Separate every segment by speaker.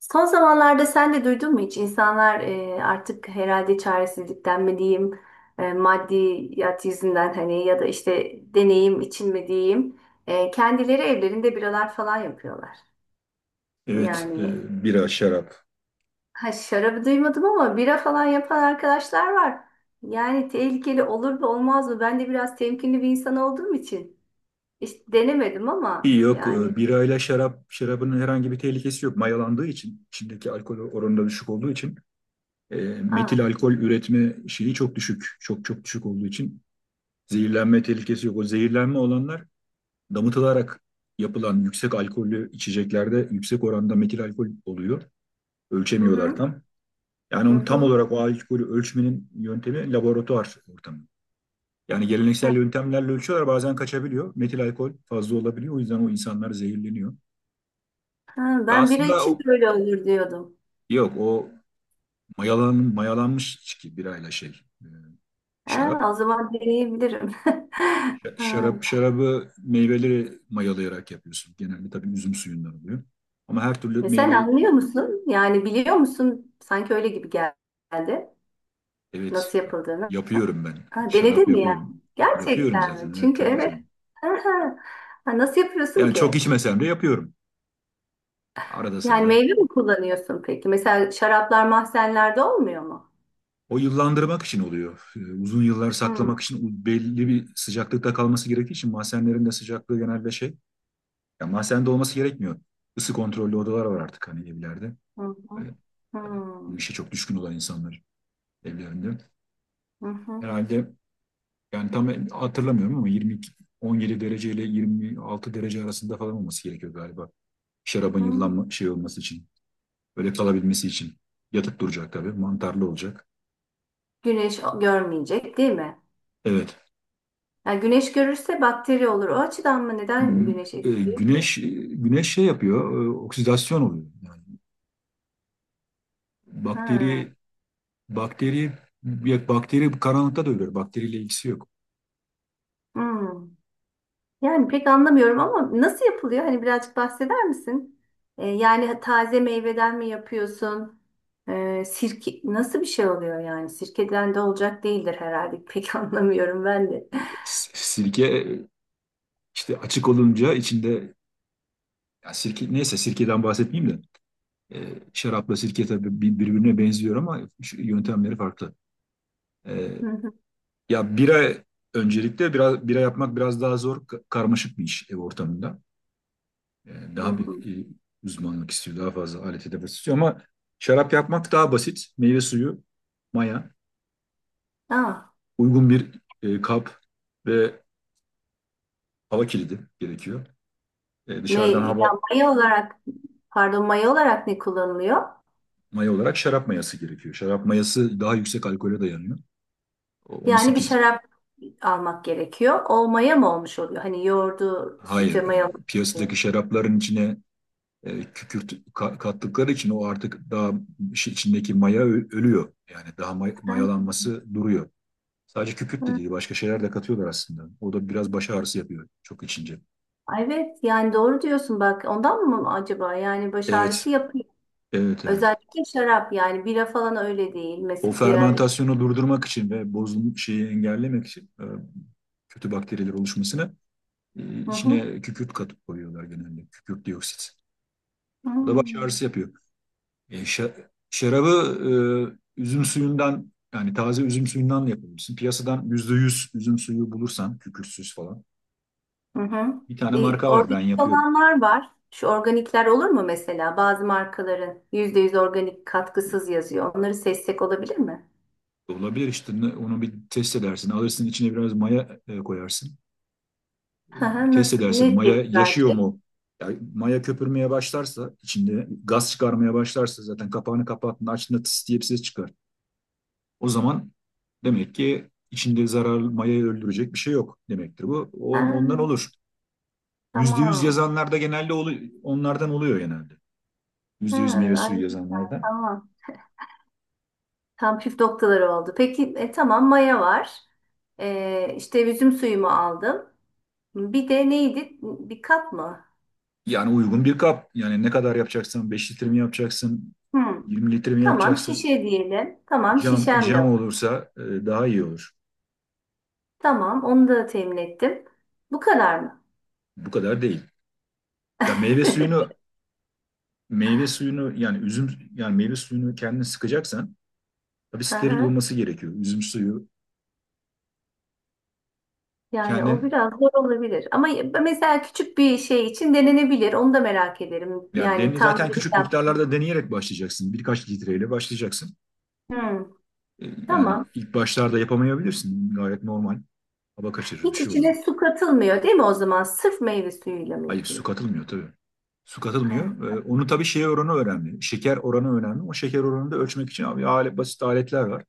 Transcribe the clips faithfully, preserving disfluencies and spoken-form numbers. Speaker 1: Son zamanlarda sen de duydun mu hiç? İnsanlar e, artık herhalde çaresizlikten mi diyeyim, e, maddiyat yüzünden hani ya da işte deneyim için mi diyeyim, e, kendileri evlerinde biralar falan yapıyorlar.
Speaker 2: Evet, e,
Speaker 1: Yani
Speaker 2: bira, şarap.
Speaker 1: ha şarabı duymadım ama bira falan yapan arkadaşlar var. Yani tehlikeli olur mu olmaz mı? Ben de biraz temkinli bir insan olduğum için işte denemedim ama
Speaker 2: Yok,
Speaker 1: yani.
Speaker 2: e, birayla şarap, şarabın herhangi bir tehlikesi yok. Mayalandığı için, içindeki alkol oranı da düşük olduğu için, e, metil
Speaker 1: Aa,
Speaker 2: alkol üretme şeyi çok düşük. Çok çok düşük olduğu için zehirlenme tehlikesi yok. O zehirlenme olanlar damıtılarak yapılan yüksek alkollü içeceklerde yüksek oranda metil alkol oluyor.
Speaker 1: hı
Speaker 2: Ölçemiyorlar
Speaker 1: hı,
Speaker 2: tam. Yani
Speaker 1: hı
Speaker 2: onu tam
Speaker 1: hı.
Speaker 2: olarak o alkolü ölçmenin yöntemi laboratuvar ortamı. Yani geleneksel yöntemlerle ölçüyorlar, bazen kaçabiliyor. Metil alkol fazla olabiliyor. O yüzden o insanlar zehirleniyor.
Speaker 1: Ha,
Speaker 2: Ya
Speaker 1: ben bira
Speaker 2: aslında
Speaker 1: için de
Speaker 2: o,
Speaker 1: öyle olur diyordum.
Speaker 2: yok, o mayalan, mayalanmış içki, birayla şey, e,
Speaker 1: Ha,
Speaker 2: şarap.
Speaker 1: o zaman deneyebilirim.
Speaker 2: Ş-
Speaker 1: Ha.
Speaker 2: Şarap şarabı meyveleri mayalayarak yapıyorsun. Genelde tabii üzüm suyundan oluyor. Ama her türlü
Speaker 1: E, sen
Speaker 2: meyveyi.
Speaker 1: anlıyor musun? Yani biliyor musun? Sanki öyle gibi geldi.
Speaker 2: Evet,
Speaker 1: Nasıl yapıldığını.
Speaker 2: yapıyorum ben.
Speaker 1: Ha,
Speaker 2: Şarap
Speaker 1: denedin mi
Speaker 2: yapıyorum.
Speaker 1: yani?
Speaker 2: Yapıyorum
Speaker 1: Gerçekten mi?
Speaker 2: zaten. Evet,
Speaker 1: Çünkü
Speaker 2: tabii
Speaker 1: evet.
Speaker 2: tabii.
Speaker 1: Aha. Ha, nasıl yapıyorsun
Speaker 2: Yani çok
Speaker 1: ki?
Speaker 2: içmesem de yapıyorum. Arada
Speaker 1: Yani
Speaker 2: sırada.
Speaker 1: meyve mi kullanıyorsun peki? Mesela şaraplar mahzenlerde olmuyor mu?
Speaker 2: O yıllandırmak için oluyor. Ee, Uzun yıllar
Speaker 1: Hmm.
Speaker 2: saklamak için, belli bir sıcaklıkta kalması gerektiği için mahzenlerin de sıcaklığı genelde şey. Ya mahzende olması gerekmiyor. Isı kontrollü odalar var artık hani evlerde.
Speaker 1: Hı hı.
Speaker 2: Böyle, tabii bu
Speaker 1: Hmm.
Speaker 2: işe çok düşkün olan insanlar evlerinde.
Speaker 1: Hı hı.
Speaker 2: Herhalde, yani tam hatırlamıyorum ama yirmi iki, on yedi derece ile yirmi altı derece arasında falan olması gerekiyor galiba. Şarabın
Speaker 1: Hmm.
Speaker 2: yıllanma şey olması için. Böyle kalabilmesi için. Yatıp duracak tabii. Mantarlı olacak.
Speaker 1: Güneş görmeyecek değil mi?
Speaker 2: Evet.
Speaker 1: Yani güneş görürse bakteri olur. O açıdan mı?
Speaker 2: Hı
Speaker 1: Neden
Speaker 2: hı.
Speaker 1: güneş
Speaker 2: E,
Speaker 1: etkiliyor ki?
Speaker 2: güneş e, güneş şey yapıyor, e, oksidasyon oluyor. Yani bakteri
Speaker 1: Ha.
Speaker 2: bakteri ya bakteri karanlıkta da ölür. Bakteriyle ilgisi yok.
Speaker 1: Hmm. Yani pek anlamıyorum ama nasıl yapılıyor? Hani birazcık bahseder misin? Ee, yani taze meyveden mi yapıyorsun? Ee, sirke nasıl bir şey oluyor yani? Sirkeden de olacak değildir herhalde. Pek anlamıyorum ben de.
Speaker 2: S- Sirke, e, işte açık olunca içinde, ya sirke neyse, sirkeden bahsetmeyeyim de, e, şarapla sirke tabii bir- birbirine benziyor ama şu yöntemleri farklı. E,
Speaker 1: Hı hı,
Speaker 2: Ya bira, öncelikle biraz bira yapmak biraz daha zor, ka- karmaşık bir iş ev ortamında. E,
Speaker 1: hı
Speaker 2: Daha bir
Speaker 1: hı.
Speaker 2: e, uzmanlık istiyor, daha fazla alet edevat istiyor ama şarap yapmak daha basit. Meyve suyu, maya,
Speaker 1: Aa,
Speaker 2: uygun bir e, kap ve hava kilidi gerekiyor. E, dışarıdan
Speaker 1: me- ya
Speaker 2: hava.
Speaker 1: maya olarak pardon maya olarak ne kullanılıyor?
Speaker 2: Maya olarak şarap mayası gerekiyor. Şarap mayası daha yüksek alkole dayanıyor. O
Speaker 1: Yani bir
Speaker 2: on sekiz,
Speaker 1: şarap almak gerekiyor. O maya mı olmuş oluyor? Hani yoğurdu
Speaker 2: hayır,
Speaker 1: sütü maya.
Speaker 2: e, piyasadaki şarapların içine e, kükürt ka- kattıkları için o artık daha, işin içindeki maya ö- ölüyor. Yani daha may- mayalanması duruyor. Sadece kükürt de değil, başka şeyler de katıyorlar aslında. O da biraz baş ağrısı yapıyor çok içince.
Speaker 1: Ay, evet yani doğru diyorsun bak ondan mı acaba yani baş ağrısı
Speaker 2: Evet,
Speaker 1: yapıyor.
Speaker 2: evet, evet.
Speaker 1: Özellikle şarap yani bira falan öyle değil
Speaker 2: O
Speaker 1: mesela diğer.
Speaker 2: fermentasyonu durdurmak için ve bozulmuş şeyi engellemek için, e, kötü bakteriler oluşmasını, e,
Speaker 1: Hı hı.
Speaker 2: içine kükürt katıp koyuyorlar genelde. Kükürt dioksit. O da baş
Speaker 1: Hmm.
Speaker 2: ağrısı yapıyor. E, şa- şarabı e, üzüm suyundan, yani taze üzüm suyundan da yapabilirsin. Piyasadan yüzde yüz üzüm suyu bulursan kükürtsüz falan.
Speaker 1: Hı hı.
Speaker 2: Bir tane
Speaker 1: E,
Speaker 2: marka var, ben
Speaker 1: organik
Speaker 2: yapıyorum.
Speaker 1: olanlar var. Şu organikler olur mu mesela bazı markaların yüzde yüz organik katkısız yazıyor. Onları seçsek olabilir mi?
Speaker 2: Olabilir işte, ne- onu bir test edersin. Alırsın, içine biraz maya e, koyarsın.
Speaker 1: Hı hı,
Speaker 2: Test
Speaker 1: nasıl?
Speaker 2: edersin,
Speaker 1: Ne
Speaker 2: maya
Speaker 1: tepki
Speaker 2: yaşıyor
Speaker 1: verecek?
Speaker 2: mu? Yani maya köpürmeye başlarsa, içinde gaz çıkarmaya başlarsa, zaten kapağını kapattın, açtığında tıs diye bir ses çıkar. O zaman demek ki içinde zararlı mayayı öldürecek bir şey yok demektir bu. O,
Speaker 1: Ha,
Speaker 2: ondan olur. Yüzde yüz
Speaker 1: tamam.
Speaker 2: yazanlarda genelde olu- onlardan oluyor genelde.
Speaker 1: Ha,
Speaker 2: Yüzde yüz meyve
Speaker 1: ay,
Speaker 2: suyu yazanlarda.
Speaker 1: tamam. Tam püf noktaları oldu. Peki e, tamam maya var. E, işte üzüm suyumu aldım. Bir de neydi? Bir kap mı?
Speaker 2: Yani uygun bir kap. Yani ne kadar yapacaksan, Beş litre mi yapacaksın?
Speaker 1: Hmm.
Speaker 2: Yirmi litre mi
Speaker 1: Tamam
Speaker 2: yapacaksın?
Speaker 1: şişe diyelim. Tamam
Speaker 2: Cam,
Speaker 1: şişem de
Speaker 2: cam
Speaker 1: var.
Speaker 2: olursa, e, daha iyi olur.
Speaker 1: Tamam onu da temin ettim. Bu kadar mı?
Speaker 2: Bu kadar değil. Ya meyve suyunu, meyve suyunu yani üzüm yani meyve suyunu kendin sıkacaksan tabii steril
Speaker 1: Aha.
Speaker 2: olması gerekiyor. Üzüm suyu
Speaker 1: Yani o
Speaker 2: kendin.
Speaker 1: biraz zor olabilir. Ama mesela küçük bir şey için denenebilir. Onu da merak ederim.
Speaker 2: Yani
Speaker 1: Yani
Speaker 2: deni
Speaker 1: tam
Speaker 2: zaten
Speaker 1: bir
Speaker 2: küçük
Speaker 1: yaptım.
Speaker 2: miktarlarda deneyerek başlayacaksın. Birkaç litreyle başlayacaksın.
Speaker 1: Hmm.
Speaker 2: E, yani
Speaker 1: Tamam.
Speaker 2: ilk başlarda yapamayabilirsin. Gayet normal. Hava kaçırır, bir
Speaker 1: Hiç
Speaker 2: şey olur.
Speaker 1: içine su katılmıyor değil mi o zaman? Sırf meyve suyuyla mı
Speaker 2: Hayır, su
Speaker 1: yapılıyor?
Speaker 2: katılmıyor tabii. Su katılmıyor. E,
Speaker 1: Evet.
Speaker 2: onu tabii şey oranı önemli. Şeker oranı önemli. O şeker oranını da ölçmek için abi alet, basit aletler var.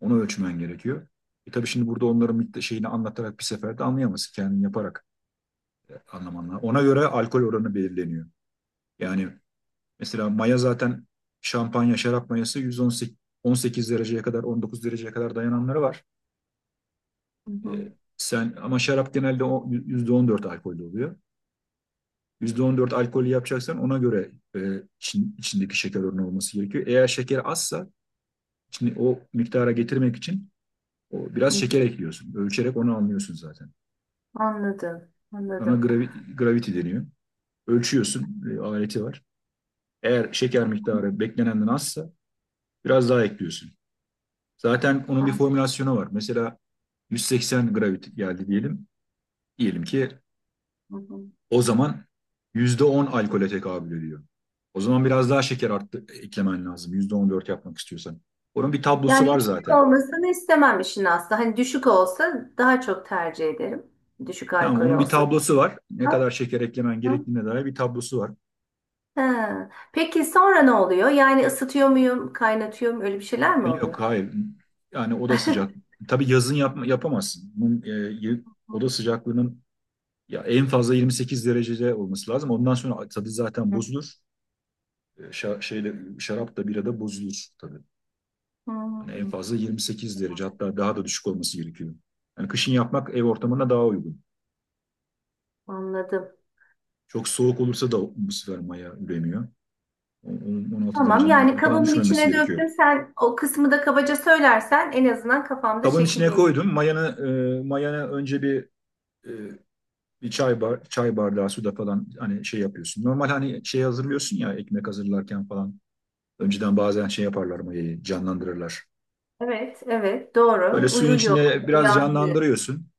Speaker 2: Onu ölçmen gerekiyor. E, tabii şimdi burada onların mikta- şeyini anlatarak bir seferde anlayamazsın. Kendin yaparak e, anlaman lazım. Ona göre alkol oranı belirleniyor. Yani mesela maya zaten, şampanya, şarap mayası yüz on sekiz on sekiz dereceye kadar, on dokuz dereceye kadar dayananları var.
Speaker 1: Hı hı.
Speaker 2: E, sen ama şarap genelde o- yüzde on dört alkollü oluyor. yüzde on dört alkolü yapacaksan ona göre e, için- içindeki şeker oranı olması gerekiyor. Eğer şeker azsa, şimdi o miktara getirmek için o, biraz
Speaker 1: Hı hı.
Speaker 2: şeker ekliyorsun. Ölçerek onu anlıyorsun zaten.
Speaker 1: Anladım.
Speaker 2: Ona
Speaker 1: Anladım.
Speaker 2: gravi- gravity deniyor. Ölçüyorsun, e, aleti var. Eğer şeker miktarı beklenenden azsa biraz daha ekliyorsun. Zaten onun bir formülasyonu var. Mesela yüz seksen gravity geldi diyelim. Diyelim ki
Speaker 1: Hı hı.
Speaker 2: o zaman yüzde on alkole tekabül ediyor. O zaman biraz daha şeker arttı, e, eklemen lazım. yüzde on dört yapmak istiyorsan. Onun bir tablosu
Speaker 1: Yani
Speaker 2: var
Speaker 1: yüksek
Speaker 2: zaten.
Speaker 1: olmasını istemem işin aslı. Hani düşük olsa daha çok tercih ederim. Düşük
Speaker 2: Tamam,
Speaker 1: alkol
Speaker 2: onun bir
Speaker 1: olsun.
Speaker 2: tablosu var. Ne kadar şeker eklemen
Speaker 1: Ama-
Speaker 2: gerektiğine dair bir tablosu var.
Speaker 1: Ha. Peki sonra ne oluyor? Yani ısıtıyor muyum, kaynatıyor muyum? Öyle bir şeyler mi oluyor?
Speaker 2: Yok, hayır. Yani oda sıcak. Tabii yazın yapma, yapamazsın. Bunun, e, y- oda sıcaklığının ya en fazla yirmi sekiz derecede olması lazım. Ondan sonra tadı zaten bozulur. E, şa- şeyle şarap da bira da bozulur tabii. Hani en
Speaker 1: Hmm,
Speaker 2: fazla yirmi sekiz derece, hatta daha da düşük olması gerekiyor. Yani kışın yapmak ev ortamına daha uygun.
Speaker 1: anladım.
Speaker 2: Çok soğuk olursa da bu sefer maya üremiyor. O- onun on altı
Speaker 1: Tamam
Speaker 2: derecenin
Speaker 1: yani
Speaker 2: altına falan
Speaker 1: kabımın
Speaker 2: düşmemesi
Speaker 1: içine
Speaker 2: gerekiyor.
Speaker 1: döktüm. Sen o kısmı da kabaca söylersen en azından kafamda
Speaker 2: Kabın içine
Speaker 1: şekilleniyor.
Speaker 2: koydum. Mayanı e, mayanı önce bir, e, bir çay bar, çay bardağı suda falan hani şey yapıyorsun. Normal, hani şey hazırlıyorsun ya, ekmek hazırlarken falan. Önceden bazen şey yaparlar, mayayı canlandırırlar.
Speaker 1: Evet, evet
Speaker 2: Öyle
Speaker 1: doğru.
Speaker 2: suyun
Speaker 1: Uyuyor,
Speaker 2: içinde biraz
Speaker 1: uyandı.
Speaker 2: canlandırıyorsun.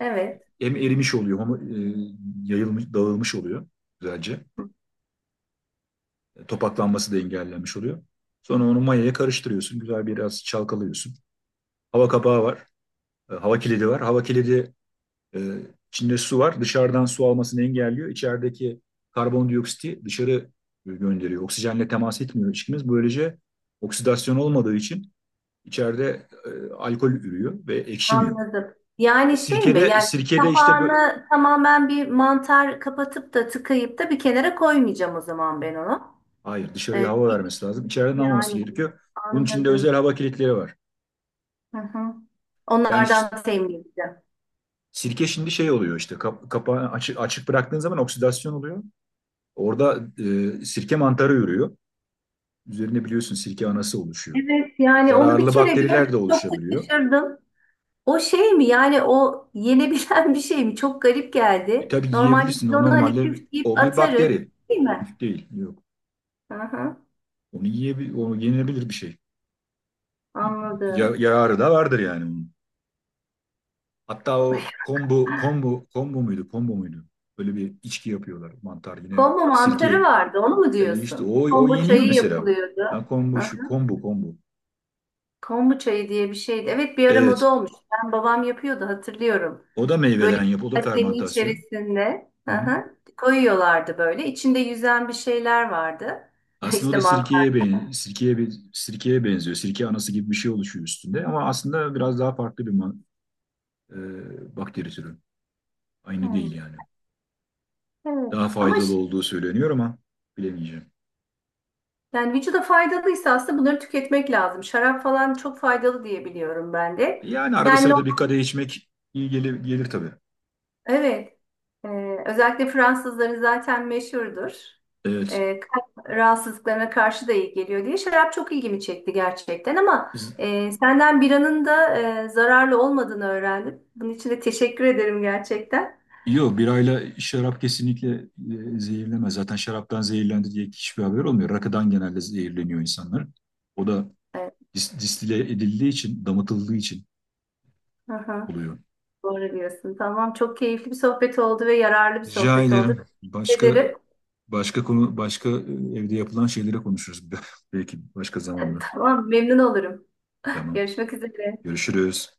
Speaker 1: Evet.
Speaker 2: Hem erimiş oluyor ama e, yayılmış, dağılmış oluyor güzelce. E, Topaklanması da engellenmiş oluyor. Sonra onu mayaya karıştırıyorsun. Güzel biraz çalkalıyorsun. Hava kapağı var. e, Hava kilidi var. Hava kilidi. Ee, içinde su var. Dışarıdan su almasını engelliyor. İçerideki karbondioksiti dışarı gönderiyor. Oksijenle temas etmiyor içkimiz. Böylece oksidasyon olmadığı için içeride e, alkol ürüyor ve ekşimiyor.
Speaker 1: Anladım. Yani şey mi?
Speaker 2: Sirkede
Speaker 1: Yani
Speaker 2: sirkede işte böyle.
Speaker 1: kapağını tamamen bir mantar kapatıp da tıkayıp da bir kenara koymayacağım o zaman ben onu.
Speaker 2: Hayır,
Speaker 1: Ee,
Speaker 2: dışarıya hava
Speaker 1: bir-
Speaker 2: vermesi lazım. İçeriden almaması
Speaker 1: yani
Speaker 2: gerekiyor. Bunun için de özel
Speaker 1: anladım.
Speaker 2: hava kilitleri var.
Speaker 1: Hı hı.
Speaker 2: Yani
Speaker 1: Onlardan temin edeceğim.
Speaker 2: sirke şimdi şey oluyor işte, kap- kapağı açık, açık bıraktığın zaman oksidasyon oluyor. Orada e, sirke mantarı ürüyor. Üzerine biliyorsun, sirke anası oluşuyor.
Speaker 1: Evet yani onu bir
Speaker 2: Zararlı
Speaker 1: kere
Speaker 2: bakteriler
Speaker 1: gördüm
Speaker 2: de
Speaker 1: çok da
Speaker 2: oluşabiliyor.
Speaker 1: şaşırdım. O şey mi yani o yenebilen bir şey mi? Çok garip
Speaker 2: E,
Speaker 1: geldi.
Speaker 2: tabii
Speaker 1: Normalde
Speaker 2: yiyebilirsin.
Speaker 1: biz
Speaker 2: O
Speaker 1: onu hani
Speaker 2: normalde,
Speaker 1: küf deyip
Speaker 2: o bir
Speaker 1: atarız
Speaker 2: bakteri.
Speaker 1: değil mi?
Speaker 2: Küf değil. Yok.
Speaker 1: Hı hı.
Speaker 2: Onu yiyebil onu yenilebilir bir şey. Ya-
Speaker 1: Anladım.
Speaker 2: yararı da vardır yani onun. Hatta o, kombu kombu kombu muydu? Kombu muydu? Böyle bir içki yapıyorlar. Mantar, yine
Speaker 1: Kombu mantarı
Speaker 2: sirke.
Speaker 1: vardı, onu mu
Speaker 2: E, işte
Speaker 1: diyorsun?
Speaker 2: o o
Speaker 1: Kombu
Speaker 2: yeniyor
Speaker 1: çayı
Speaker 2: mesela.
Speaker 1: yapılıyordu.
Speaker 2: Ha, kombu,
Speaker 1: Hı
Speaker 2: şu
Speaker 1: hı.
Speaker 2: kombu kombu.
Speaker 1: Kombu çayı diye bir şeydi. Evet bir ara
Speaker 2: Evet.
Speaker 1: moda olmuş. Ben babam yapıyordu hatırlıyorum.
Speaker 2: O da
Speaker 1: Böyle
Speaker 2: meyveden
Speaker 1: bir
Speaker 2: yap. O da
Speaker 1: kasenin
Speaker 2: fermentasyon.
Speaker 1: içerisinde
Speaker 2: Hı
Speaker 1: hı
Speaker 2: hı.
Speaker 1: hı, koyuyorlardı böyle. İçinde yüzen bir şeyler vardı.
Speaker 2: Aslında o
Speaker 1: İşte
Speaker 2: da
Speaker 1: mantar.
Speaker 2: sirkeye ben sirkeye bir sirkeye benziyor. Sirke anası gibi bir şey oluşuyor üstünde ama aslında biraz daha farklı bir ma- e, bakteri türü. Aynı değil
Speaker 1: Hmm,
Speaker 2: yani.
Speaker 1: evet.
Speaker 2: Daha
Speaker 1: Ama
Speaker 2: faydalı
Speaker 1: ş-
Speaker 2: olduğu söyleniyor ama bilemeyeceğim.
Speaker 1: yani vücuda faydalıysa aslında bunları tüketmek lazım. Şarap falan çok faydalı diye biliyorum ben de.
Speaker 2: Yani arada
Speaker 1: Yani
Speaker 2: sırada bir kadeh içmek iyi gelir, gelir tabii.
Speaker 1: evet. Ee, özellikle Fransızları zaten meşhurdur.
Speaker 2: Evet.
Speaker 1: Ee, kalp rahatsızlıklarına karşı da iyi geliyor diye. Şarap çok ilgimi çekti gerçekten ama
Speaker 2: Z-
Speaker 1: e, senden biranın da e, zararlı olmadığını öğrendim. Bunun için de teşekkür ederim gerçekten.
Speaker 2: Yok, birayla şarap kesinlikle e, zehirlemez. Zaten şaraptan zehirlendi diye hiçbir haber olmuyor. Rakıdan genelde zehirleniyor insanlar. O da
Speaker 1: Evet.
Speaker 2: dis- distile edildiği için, damıtıldığı için
Speaker 1: Aha,
Speaker 2: oluyor.
Speaker 1: doğru diyorsun. Tamam, çok keyifli bir sohbet oldu ve yararlı bir
Speaker 2: Rica
Speaker 1: sohbet oldu.
Speaker 2: ederim.
Speaker 1: Teşekkür
Speaker 2: Başka.
Speaker 1: ederim.
Speaker 2: Başka konu, başka e, evde yapılan şeylere konuşuruz. Belki başka zamanda.
Speaker 1: Tamam, memnun olurum.
Speaker 2: Tamam.
Speaker 1: Görüşmek üzere.
Speaker 2: Görüşürüz.